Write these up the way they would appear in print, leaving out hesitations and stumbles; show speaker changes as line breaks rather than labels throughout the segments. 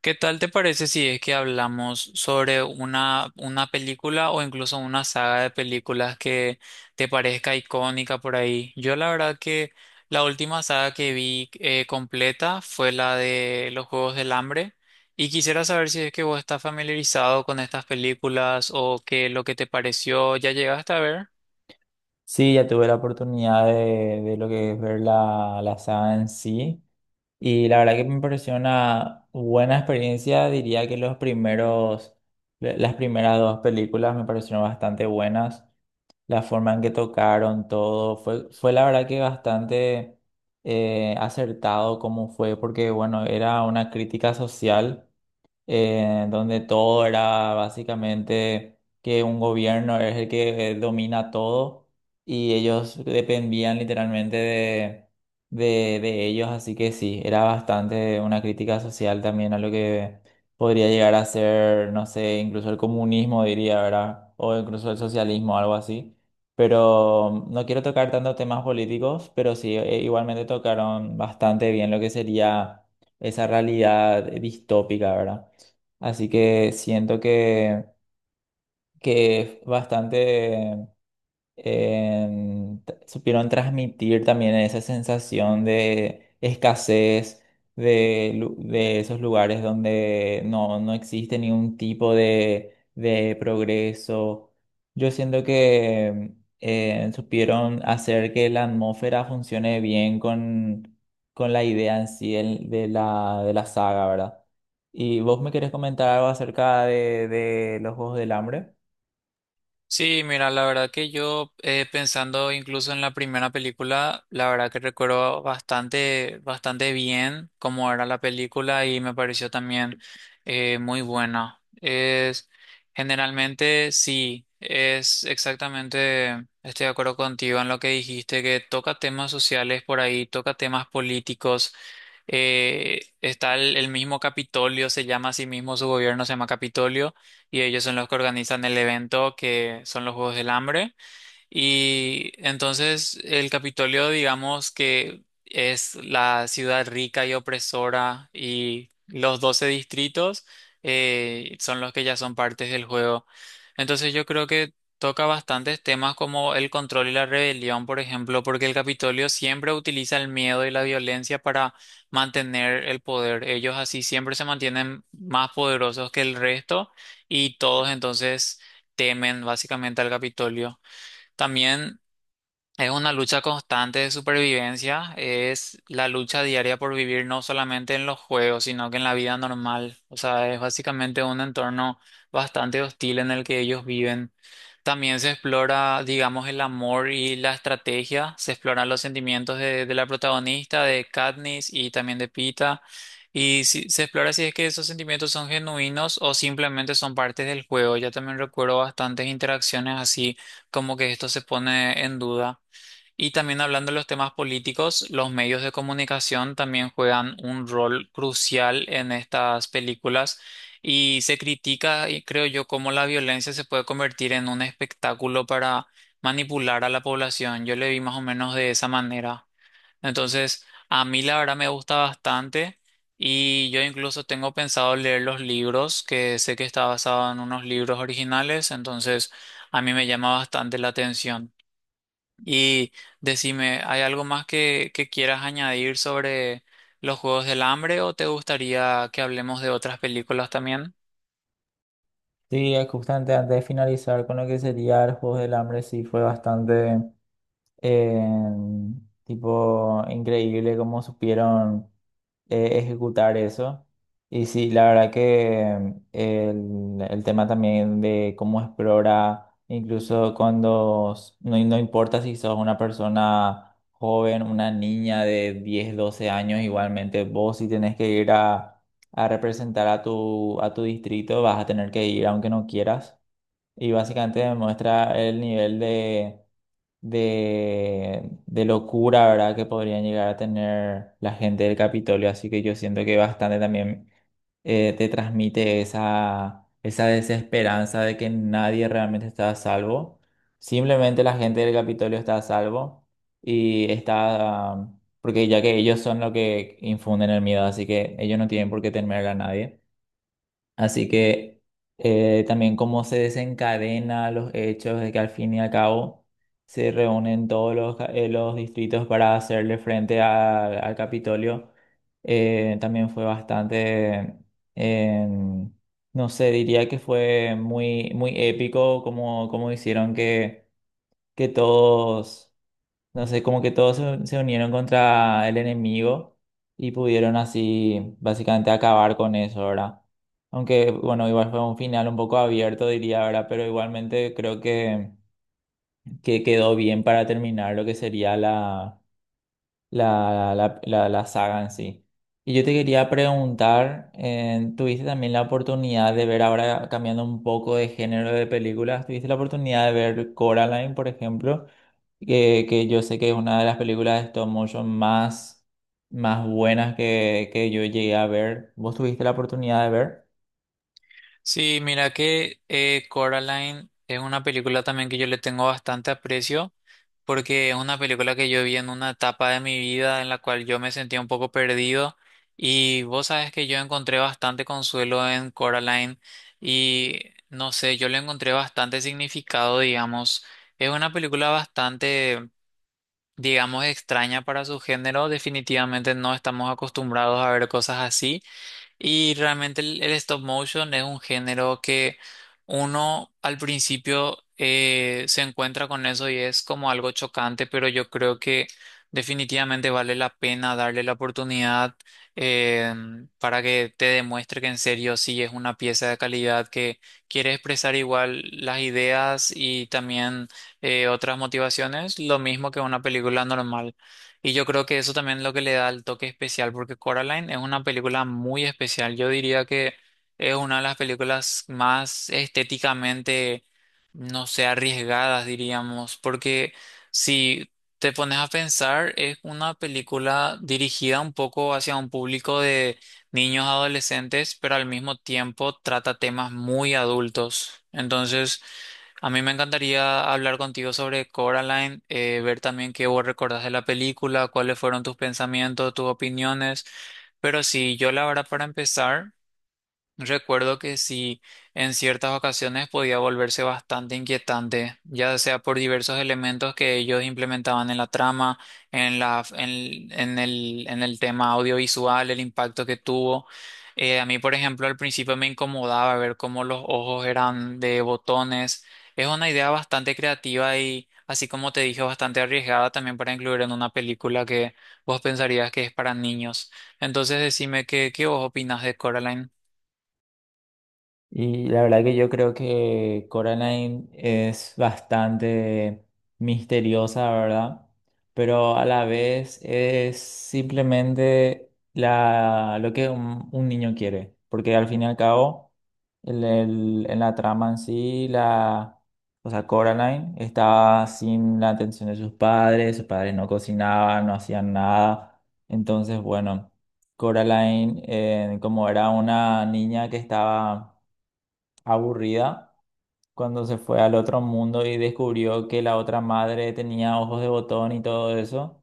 ¿Qué tal te parece si es que hablamos sobre una película o incluso una saga de películas que te parezca icónica por ahí? Yo la verdad que la última saga que vi completa fue la de Los Juegos del Hambre y quisiera saber si es que vos estás familiarizado con estas películas o qué es lo que te pareció, ¿ya llegaste a ver?
Sí, ya tuve la oportunidad de lo que es ver la saga en sí y la verdad que me pareció una buena experiencia. Diría que las primeras dos películas me parecieron bastante buenas. La forma en que tocaron todo fue la verdad que bastante acertado como fue porque bueno, era una crítica social donde todo era básicamente que un gobierno es el que domina todo y ellos dependían literalmente de ellos, así que sí, era bastante una crítica social también a lo que podría llegar a ser, no sé, incluso el comunismo diría, ¿verdad? O incluso el socialismo, algo así. Pero no quiero tocar tanto temas políticos, pero sí, igualmente tocaron bastante bien lo que sería esa realidad distópica, ¿verdad? Así que siento que es bastante supieron transmitir también esa sensación de escasez de esos lugares donde no existe ningún tipo de progreso. Yo siento que supieron hacer que la atmósfera funcione bien con la idea en sí de la saga, ¿verdad? ¿Y vos me querés comentar algo acerca de los Juegos del Hambre?
Sí, mira, la verdad que yo pensando incluso en la primera película, la verdad que recuerdo bastante bien cómo era la película y me pareció también muy buena. Es generalmente sí, es exactamente, estoy de acuerdo contigo en lo que dijiste, que toca temas sociales por ahí, toca temas políticos. Está el mismo Capitolio, se llama a sí mismo su gobierno, se llama Capitolio y ellos son los que organizan el evento que son los Juegos del Hambre. Y entonces el Capitolio, digamos que es la ciudad rica y opresora, y los 12 distritos son los que ya son partes del juego. Entonces yo creo que toca bastantes temas como el control y la rebelión, por ejemplo, porque el Capitolio siempre utiliza el miedo y la violencia para mantener el poder. Ellos así siempre se mantienen más poderosos que el resto, y todos entonces temen básicamente al Capitolio. También es una lucha constante de supervivencia, es la lucha diaria por vivir no solamente en los juegos, sino que en la vida normal. O sea, es básicamente un entorno bastante hostil en el que ellos viven. También se explora, digamos, el amor y la estrategia, se exploran los sentimientos de la protagonista, de Katniss y también de Pita. Y se explora si es que esos sentimientos son genuinos o simplemente son partes del juego. Yo también recuerdo bastantes interacciones así, como que esto se pone en duda. Y también hablando de los temas políticos, los medios de comunicación también juegan un rol crucial en estas películas y se critica, y creo yo, cómo la violencia se puede convertir en un espectáculo para manipular a la población. Yo le vi más o menos de esa manera. Entonces, a mí la verdad me gusta bastante y yo incluso tengo pensado leer los libros, que sé que está basado en unos libros originales, entonces a mí me llama bastante la atención. Y decime, ¿hay algo más que quieras añadir sobre los Juegos del Hambre o te gustaría que hablemos de otras películas también?
Sí, justamente antes de finalizar con lo que sería el Juego del Hambre, sí fue bastante eh, tipo increíble cómo supieron ejecutar eso. Y sí, la verdad que el tema también de cómo explora, incluso cuando no importa si sos una persona joven, una niña de 10, 12 años, igualmente vos si tenés que ir a representar a tu distrito, vas a tener que ir aunque no quieras, y básicamente me muestra el nivel de locura, ¿verdad? Que podrían llegar a tener la gente del Capitolio. Así que yo siento que bastante también te transmite esa desesperanza de que nadie realmente está a salvo. Simplemente la gente del Capitolio está a salvo y está, porque ya que ellos son los que infunden el miedo, así que ellos no tienen por qué temer a nadie. Así que también cómo se desencadena los hechos de que al fin y al cabo se reúnen todos los distritos para hacerle frente al Capitolio. También fue bastante, eh, no sé, diría que fue muy, muy épico como hicieron que todos, no sé, como que todos se unieron contra el enemigo y pudieron así básicamente acabar con eso, ¿verdad? Aunque, bueno, igual fue un final un poco abierto, diría, ¿verdad? Pero igualmente creo que quedó bien para terminar lo que sería la saga en sí. Y yo te quería preguntar, ¿tuviste también la oportunidad de ver, ahora cambiando un poco de género de películas? ¿Tuviste la oportunidad de ver Coraline, por ejemplo? Que yo sé que es una de las películas de stop motion más buenas que yo llegué a ver. ¿Vos tuviste la oportunidad de ver?
Sí, mira que Coraline es una película también que yo le tengo bastante aprecio porque es una película que yo vi en una etapa de mi vida en la cual yo me sentía un poco perdido, y vos sabes que yo encontré bastante consuelo en Coraline y no sé, yo le encontré bastante significado, digamos. Es una película bastante, digamos, extraña para su género. Definitivamente no estamos acostumbrados a ver cosas así. Y realmente el stop motion es un género que uno al principio se encuentra con eso y es como algo chocante, pero yo creo que definitivamente vale la pena darle la oportunidad eh, para que te demuestre que en serio sí es una pieza de calidad que quiere expresar igual las ideas y también otras motivaciones, lo mismo que una película normal. Y yo creo que eso también es lo que le da el toque especial, porque Coraline es una película muy especial. Yo diría que es una de las películas más estéticamente, no sé, arriesgadas, diríamos, porque si te pones a pensar, es una película dirigida un poco hacia un público de niños adolescentes, pero al mismo tiempo trata temas muy adultos. Entonces, a mí me encantaría hablar contigo sobre Coraline, ver también qué vos recordás de la película, cuáles fueron tus pensamientos, tus opiniones. Pero sí, yo la verdad, para empezar, recuerdo que sí, en ciertas ocasiones podía volverse bastante inquietante, ya sea por diversos elementos que ellos implementaban en la trama, en la, en el tema audiovisual, el impacto que tuvo. A mí, por ejemplo, al principio me incomodaba ver cómo los ojos eran de botones. Es una idea bastante creativa y, así como te dije, bastante arriesgada también para incluir en una película que vos pensarías que es para niños. Entonces, decime qué vos opinás de Coraline.
Y la verdad que yo creo que Coraline es bastante misteriosa, ¿verdad? Pero a la vez es simplemente lo que un niño quiere. Porque al fin y al cabo, en la trama en sí, o sea, Coraline estaba sin la atención de sus padres no cocinaban, no hacían nada. Entonces, bueno, Coraline, como era una niña que estaba aburrida cuando se fue al otro mundo y descubrió que la otra madre tenía ojos de botón y todo eso,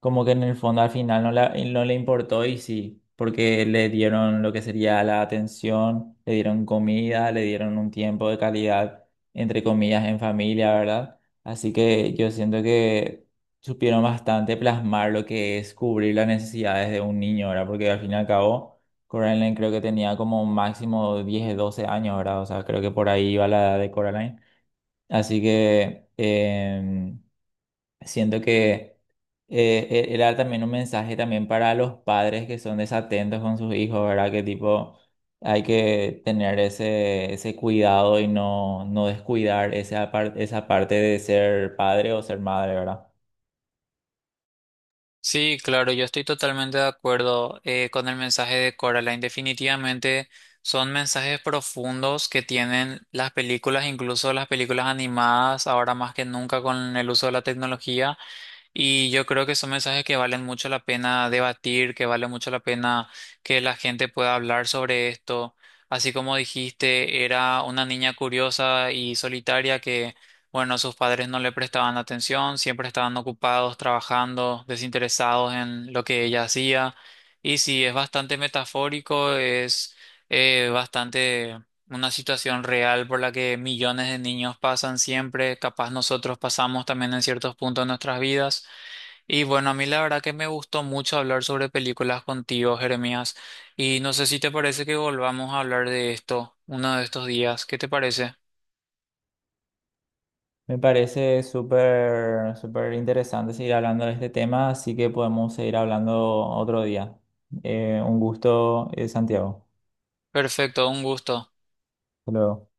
como que en el fondo al final no, no le importó y sí, porque le dieron lo que sería la atención, le dieron comida, le dieron un tiempo de calidad, entre comillas, en familia, ¿verdad? Así que yo siento que supieron bastante plasmar lo que es cubrir las necesidades de un niño, ¿verdad? Porque al fin y al cabo. Coraline creo que tenía como un máximo 10, 12 años, ¿verdad? O sea, creo que por ahí iba la edad de Coraline. Así que siento que era también un mensaje también para los padres que son desatentos con sus hijos, ¿verdad? Que tipo hay que tener ese cuidado y no descuidar esa parte de ser padre o ser madre, ¿verdad?
Sí, claro, yo estoy totalmente de acuerdo con el mensaje de Coraline. Definitivamente son mensajes profundos que tienen las películas, incluso las películas animadas, ahora más que nunca con el uso de la tecnología. Y yo creo que son mensajes que valen mucho la pena debatir, que vale mucho la pena que la gente pueda hablar sobre esto. Así como dijiste, era una niña curiosa y solitaria que, bueno, sus padres no le prestaban atención, siempre estaban ocupados, trabajando, desinteresados en lo que ella hacía. Y sí, es bastante metafórico, es bastante una situación real por la que millones de niños pasan siempre, capaz nosotros pasamos también en ciertos puntos de nuestras vidas. Y bueno, a mí la verdad que me gustó mucho hablar sobre películas contigo, Jeremías. Y no sé si te parece que volvamos a hablar de esto uno de estos días. ¿Qué te parece?
Me parece súper, súper interesante seguir hablando de este tema, así que podemos seguir hablando otro día. Un gusto, Santiago.
Perfecto, un gusto.
Hasta luego.